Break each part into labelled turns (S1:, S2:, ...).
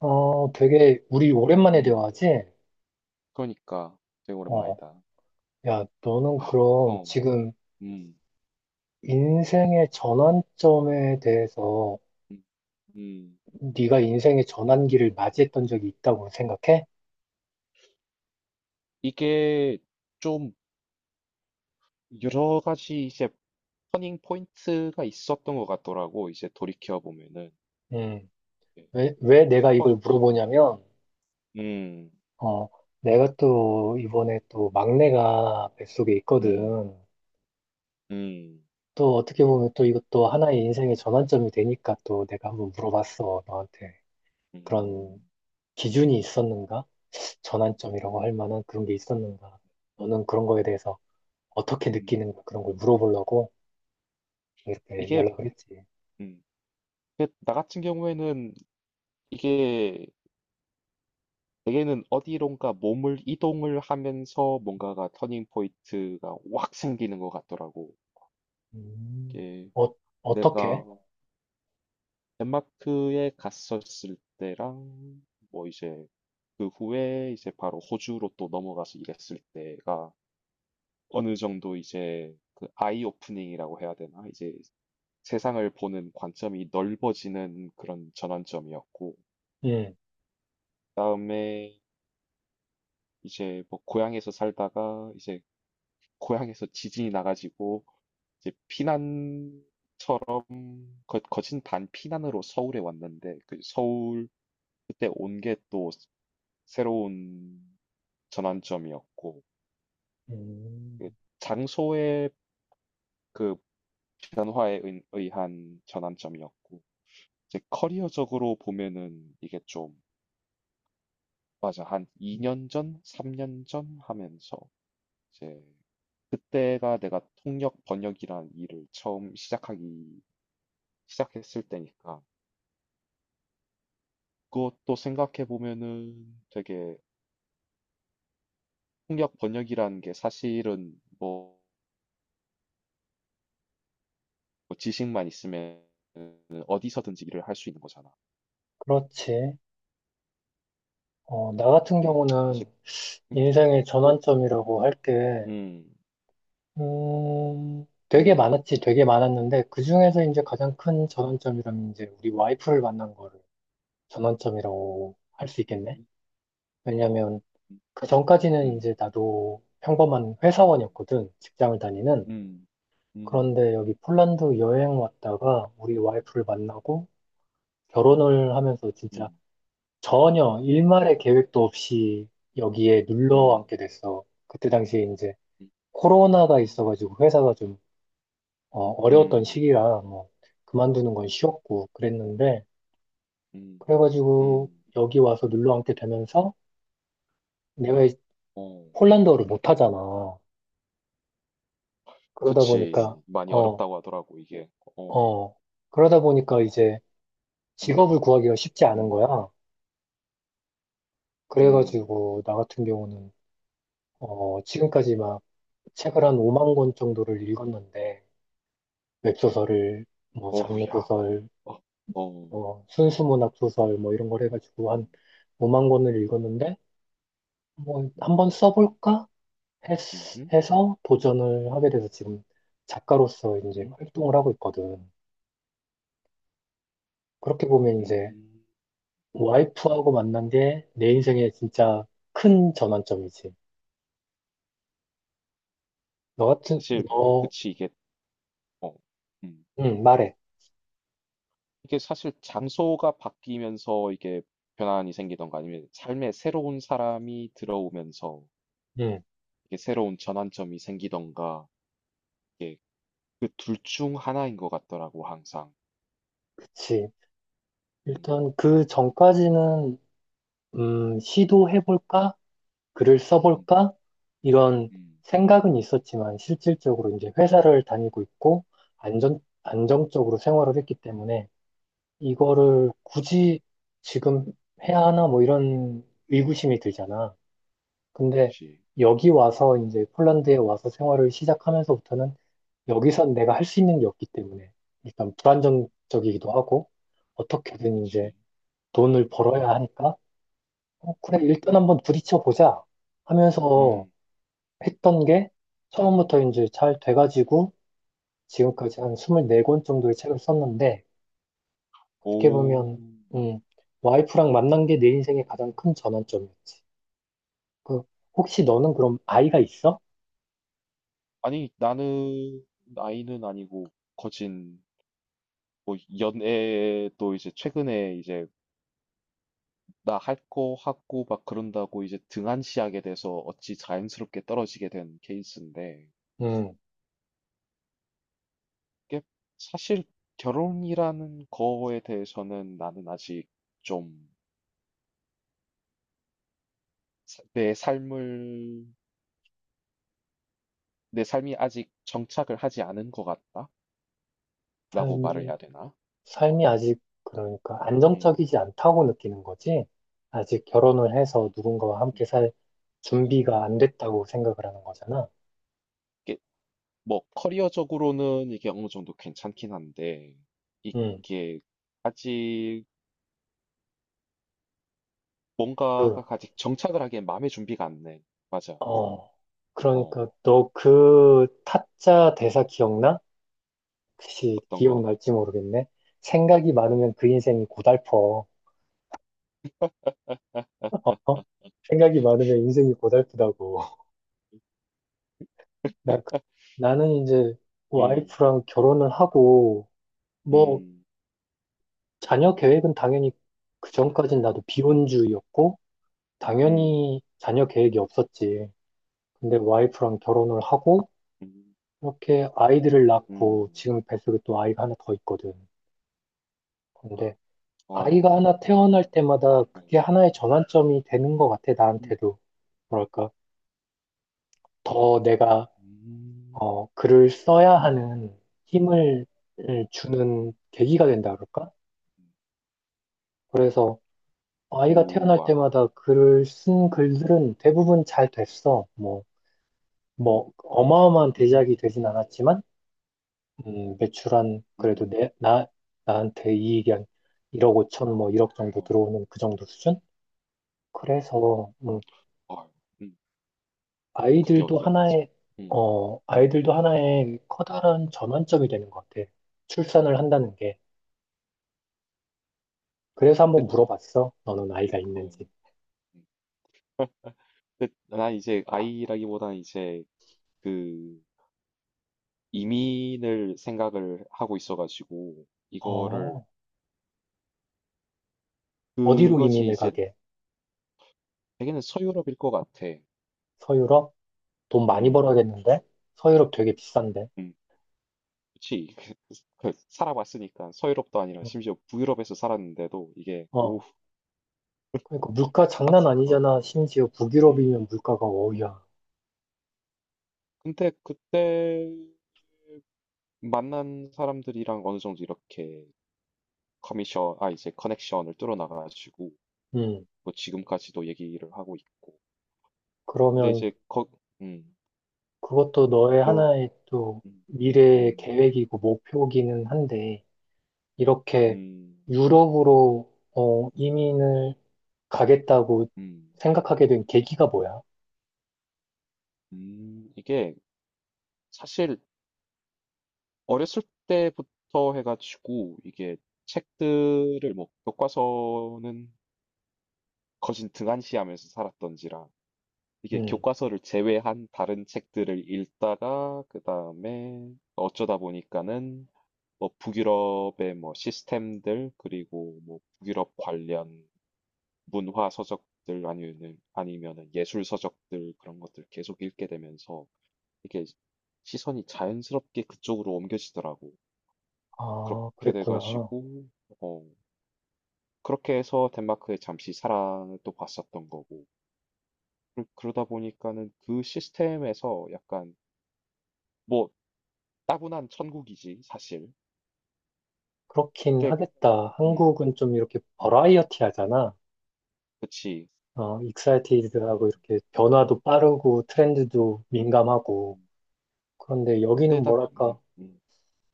S1: 어, 되게 우리 오랜만에
S2: 음.
S1: 대화하지?
S2: 그러니까 되게
S1: 어,
S2: 오랜만이다.
S1: 야, 너는 그럼
S2: 어,
S1: 지금
S2: 응. 음.
S1: 인생의 전환점에 대해서
S2: 음. 음.
S1: 네가 인생의 전환기를 맞이했던 적이 있다고 생각해?
S2: 이게 좀 여러 가지 이제 터닝 포인트가 있었던 것 같더라고. 이제 돌이켜 보면은
S1: 음.
S2: 예.
S1: 왜 내가
S2: 첫 번째.
S1: 이걸 물어보냐면,
S2: 음.
S1: 어, 내가 또 이번에 또 막내가 뱃속에 있거든.
S2: 음. 음.
S1: 또 어떻게 보면 또 이것도 하나의 인생의 전환점이 되니까 또 내가 한번 물어봤어, 너한테.
S2: 음.
S1: 그런
S2: 음.
S1: 기준이 있었는가? 전환점이라고 할 만한 그런 게 있었는가? 너는 그런 거에 대해서 어떻게
S2: 음.
S1: 느끼는가? 그런 걸 물어보려고 이렇게
S2: 이게
S1: 연락을 했지.
S2: 음. 근데 나 같은 경우에는 이게 내게는 어디론가 몸을 이동을 하면서 뭔가가 터닝 포인트가 확 생기는 것 같더라고.
S1: 음,
S2: 이게
S1: 어,
S2: 내가
S1: 어떻게?
S2: 덴마크에 갔었을 때랑 뭐 이제 그 후에 이제 바로 호주로 또 넘어가서 일했을 때가 어느 정도 이제 그 아이 오프닝이라고 해야 되나? 이제 세상을 보는 관점이 넓어지는 그런 전환점이었고,
S1: 음,
S2: 그다음에 이제 뭐 고향에서 살다가 이제 고향에서 지진이 나가지고 이제 피난 거진 반 피난으로 서울에 왔는데 그 서울 그때 온게또 새로운 전환점이었고, 그
S1: 음,
S2: 장소의 그 변화에 의한 전환점이었고, 이제 커리어적으로 보면은 이게 좀, 맞아, 한 2년 전, 3년 전 하면서, 이제, 그때가 내가 통역 번역이란 일을 처음 시작했을 때니까, 그것도 생각해 보면은 되게 통역 번역이라는 게 사실은 뭐, 지식만 있으면 어디서든지 일을 할 수 있는 거잖아.
S1: 그렇지. 어, 나 같은
S2: 음.
S1: 경우는
S2: 이제 음
S1: 인생의
S2: 그거
S1: 전환점이라고 할 게,
S2: 음.
S1: 되게
S2: 음.
S1: 많았지, 되게 많았는데, 그 중에서 이제 가장 큰 전환점이라면 이제 우리 와이프를 만난 거를 전환점이라고 할 수 있겠네? 왜냐면,
S2: 음
S1: 그 전까지는 이제
S2: 음.
S1: 나도 평범한
S2: 음.
S1: 회사원이었거든. 직장을 다니는.
S2: 음. 음. 음.
S1: 그런데 여기 폴란드 여행 왔다가 우리 와이프를 만나고 결혼을 하면서 진짜
S2: 음.
S1: 전혀 일말의 계획도 없이 여기에
S2: 음.
S1: 눌러
S2: 음.
S1: 앉게 됐어. 그때 당시에 이제 코로나가 있어가지고 회사가 좀 어, 어려웠던
S2: 음.
S1: 시기라 뭐 그만두는 건 쉬웠고 그랬는데
S2: 음.
S1: 그래가지고
S2: 음.
S1: 여기 와서 눌러 앉게 되면서 내가
S2: 어.
S1: 폴란드어를 못하잖아. 그러다 보니까
S2: 그치. 많이
S1: 어,
S2: 어렵다고 하더라고 이게. 어.
S1: 어, 그러다 보니까 이제
S2: 음.
S1: 직업을 구하기가 쉽지 않은
S2: 음.
S1: 거야.
S2: 음.
S1: 그래가지고 나 같은 경우는 어, 지금까지 막 책을 한 5만 권 정도를 읽었는데 웹소설을 뭐 장르
S2: 어우야.
S1: 소설,
S2: 어. 어.
S1: 뭐 순수 문학 소설 뭐 이런 걸 해가지고 한
S2: 음.
S1: 5만 권을 읽었는데 뭐
S2: 음.
S1: 한번 써볼까 했,
S2: 음
S1: 해서 도전을 하게 돼서 지금 작가로서 이제
S2: 음.
S1: 활동을 하고 있거든. 그렇게 보면 이제
S2: 음.
S1: 와이프하고 만난 게 내
S2: 음.
S1: 인생의 진짜 큰 전환점이지.
S2: 사실
S1: 너,
S2: 그치 이게 어. 음.
S1: 응, 말해.
S2: 이게 사실 장소가 바뀌면서 이게 변환이 생기던가 아니면 삶에 새로운 사람이 들어오면서
S1: 응,
S2: 이게 새로운 전환점이 생기던가 이게 그 둘 중 하나인 것 같더라고 항상.
S1: 그치.
S2: 음,
S1: 일단 그 전까지는, 시도해볼까? 글을
S2: 음,
S1: 써볼까? 이런
S2: 음,
S1: 생각은 있었지만, 실질적으로 이제 회사를 다니고 있고, 안정적으로 생활을 했기 때문에,
S2: 그치,
S1: 이거를 굳이 지금 해야 하나? 뭐 이런 의구심이 들잖아. 근데
S2: 그치,
S1: 여기 와서 이제 폴란드에 와서 생활을 시작하면서부터는 여기서 내가 할 수 있는 게 없기 때문에 일단 불안정적이기도 하고 어떻게든 이제
S2: 그치.
S1: 돈을 벌어야 하니까 어, 그래
S2: 음,
S1: 일단 한번 부딪혀 보자 하면서
S2: 음.
S1: 했던 게 처음부터 이제 잘 돼가지고 지금까지 한 24권 정도의 책을 썼는데 어떻게
S2: 오,
S1: 보면 음, 와이프랑 만난 게 내 인생의 가장 큰 전환점이었지. 그 혹시 너는 그럼 아이가 있어?
S2: 아니 나는 나이는 아니고 거진 뭐 연애도 이제 최근에 이제 나 할 거 하고 막 그런다고 이제 등한시하게 돼서 어찌 자연스럽게 떨어지게 된 케이스인데,
S1: 음.
S2: 이게 사실 결혼이라는 거에 대해서는 나는 아직 좀 내 삶을, 내 삶이 아직 정착을 하지 않은 것 같다? 라고 말을
S1: 삶이
S2: 해야 되나? 어,
S1: 삶이 아직 그러니까
S2: 음.
S1: 안정적이지 않다고 느끼는 거지. 아직 결혼을 해서 누군가와
S2: 음.
S1: 함께 살 준비가 안 됐다고 생각을 하는 거잖아.
S2: 이게 뭐 커리어적으로는 이게 어느 정도 괜찮긴 한데,
S1: 음,
S2: 이게 아직
S1: 그,
S2: 뭔가가 아직 정착을 하기엔 마음의 준비가 안 돼. 맞아.
S1: 어,
S2: 어.
S1: 그러니까 너 그 타짜
S2: 음.
S1: 대사 기억나? 혹시
S2: 어떤 거?
S1: 기억날지 모르겠네. 생각이
S2: 음.
S1: 많으면 그 인생이 고달퍼. 어? 생각이 많으면 인생이 고달프다고. 나, 그- 나는 이제
S2: 음.
S1: 와이프랑 결혼을 하고, 뭐,
S2: 음.
S1: 자녀 계획은 당연히 그 전까진 나도 비혼주의였고,
S2: 음.
S1: 당연히 자녀 계획이 없었지. 근데 와이프랑 결혼을 하고,
S2: 음.
S1: 이렇게 아이들을 낳고,
S2: 음.
S1: 지금 뱃속에 또 아이가 하나 더 있거든. 근데 아이가
S2: 아유.
S1: 하나 태어날 때마다
S2: 어.
S1: 그게 하나의 전환점이 되는 것 같아,
S2: 음.
S1: 나한테도. 뭐랄까, 더 내가,
S2: 음.
S1: 어, 글을 써야 하는 힘을 을 주는 계기가 된다 그럴까?
S2: 음.
S1: 그래서 아이가 태어날
S2: 우와.
S1: 때마다 글을 쓴 글들은 대부분 잘 됐어.
S2: 음.
S1: 뭐, 어마어마한 대작이
S2: 음.
S1: 되진 않았지만, 그래도
S2: 음.
S1: 나한테 이익이 한 1억 5천, 뭐, 1억 정도
S2: 어.
S1: 들어오는 그 정도 수준? 그래서,
S2: 음. 아유. 음. 그게
S1: 아이들도
S2: 어디야, 맞아.
S1: 하나의,
S2: 음.
S1: 어,
S2: 음.
S1: 아이들도 하나의 커다란 전환점이 되는 것 같아. 출산을 한다는 게. 그래서 한번
S2: 끝.
S1: 물어봤어. 너는
S2: 어.
S1: 아이가
S2: 어.
S1: 있는지.
S2: 음. 끝. 나 이제 아이라기보다는 이제 그 이민을 생각을 하고 있어가지고 이거를
S1: 어, 어디로
S2: 그것이
S1: 이민을
S2: 이제
S1: 가게?
S2: 되게는 서유럽일 것 같아.
S1: 서유럽? 돈 많이
S2: 음.
S1: 벌어야겠는데? 서유럽 되게 비싼데.
S2: 음, 그치. 그 살아봤으니까 서유럽도 아니라
S1: 어,
S2: 심지어 북유럽에서 살았는데도 이게 오,
S1: 어. 그러니까 물가 장난
S2: 어,
S1: 아니잖아. 심지어
S2: 음,
S1: 북유럽이면 물가가
S2: 음.
S1: 어우야.
S2: 근데 그때 만난 사람들이랑 어느 정도 이렇게 커미션, 아 이제 커넥션을 뚫어나가가지고
S1: 음.
S2: 뭐 지금까지도 얘기를 하고 있고. 근데
S1: 그러면
S2: 이제 거, 음,
S1: 그것도 너의
S2: 요,
S1: 하나의 또
S2: 음,
S1: 미래의
S2: 음,
S1: 계획이고 목표기는 한데, 이렇게
S2: 음,
S1: 유럽으로 어, 이민을 가겠다고
S2: 음,
S1: 생각하게 된 계기가 뭐야?
S2: 이게 사실 어렸을 때부터 해가지고 이게 책들을 뭐 교과서는 거진 등한시하면서 살았던지라 이게
S1: 음.
S2: 교과서를 제외한 다른 책들을 읽다가 그 다음에 어쩌다 보니까는 뭐 북유럽의 뭐 시스템들 그리고 뭐 북유럽 관련 문화 서적들 아니면은 예술 서적들 그런 것들 계속 읽게 되면서 이게 시선이 자연스럽게 그쪽으로 옮겨지더라고.
S1: 아,
S2: 그렇게
S1: 그랬구나.
S2: 돼가지고 어 그렇게 해서 덴마크에 잠시 사랑을 또 봤었던 거고. 그러다 보니까는 그 시스템에서 약간 뭐 따분한 천국이지 사실.
S1: 그렇긴
S2: 근데
S1: 하겠다.
S2: 음,
S1: 한국은 좀 이렇게
S2: 음,
S1: 버라이어티 하잖아.
S2: 그치.
S1: 어,
S2: 음,
S1: 익사이티드하고 이렇게 변화도 빠르고 트렌드도 민감하고
S2: 음.
S1: 그런데 여기는
S2: 근데 일단
S1: 뭐랄까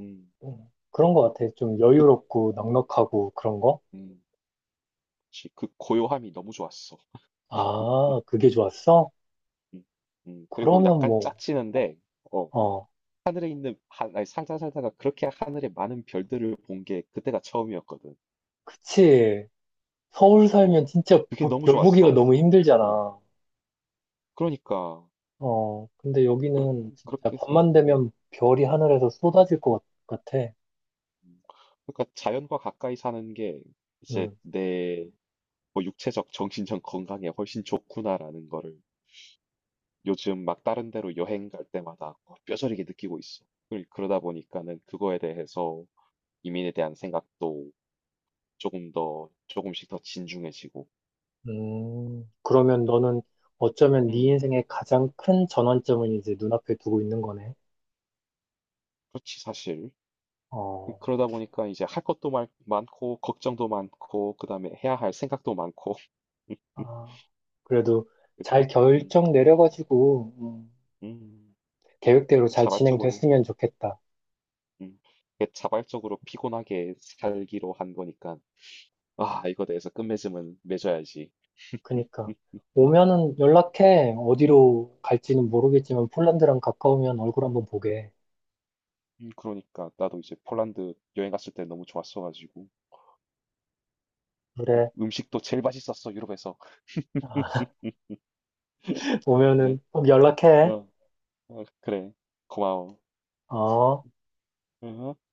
S2: 음,
S1: 그런 것 같아. 좀
S2: 그,
S1: 여유롭고 넉넉하고 그런 거.
S2: 음, 그치. 그 고요함이 너무 좋았어. 음,
S1: 아, 그게 좋았어?
S2: 음, 그리고
S1: 그러면
S2: 약간
S1: 뭐,
S2: 짜치는데 어,
S1: 어,
S2: 하늘에 있는 아니, 살다 살다가 그렇게 하늘에 많은 별들을 본 게 그때가 처음이었거든.
S1: 그치. 서울
S2: 어,
S1: 살면 진짜
S2: 그게 너무
S1: 별 보기가
S2: 좋았어.
S1: 너무
S2: 어,
S1: 힘들잖아.
S2: 그러니까
S1: 어, 근데
S2: 그렇,
S1: 여기는 진짜
S2: 그렇게 해서
S1: 밤만
S2: 어.
S1: 되면 별이 하늘에서 쏟아질 같아.
S2: 음. 그러니까 자연과 가까이 사는 게 이제
S1: 음.
S2: 내 뭐 육체적, 정신적 건강에 훨씬 좋구나라는 거를 요즘 막 다른 데로 여행 갈 때마다 어, 뼈저리게 느끼고 있어. 그 그러다 보니까는 그거에 대해서 이민에 대한 생각도 조금 더 조금씩 더 진중해지고.
S1: 그러면 너는 어쩌면 네
S2: 음,
S1: 인생의 가장 큰 전환점을 이제 눈앞에 두고 있는 거네.
S2: 그렇지 사실.
S1: 어,
S2: 그러다 보니까 이제 할 것도 많고 걱정도 많고 그다음에 해야 할 생각도 많고.
S1: 아, 그래도 잘
S2: 음,
S1: 결정 내려가지고,
S2: 음,
S1: 계획대로 잘
S2: 자발적으로.
S1: 진행됐으면 좋겠다.
S2: 음. 이게 자발적으로 피곤하게 살기로 한 거니까, 아, 이거 내에서 끝맺음은 맺어야지.
S1: 그니까.
S2: 음,
S1: 오면은 연락해. 어디로 갈지는 모르겠지만 폴란드랑 가까우면 얼굴 한번 보게.
S2: 그러니까 나도 이제 폴란드 여행 갔을 때 너무 좋았어가지고 그
S1: 그래.
S2: 음식도 제일 맛있었어 유럽에서 그래
S1: 오면은 꼭 연락해.
S2: 어, 어, 그래 고마워
S1: 어.
S2: 어.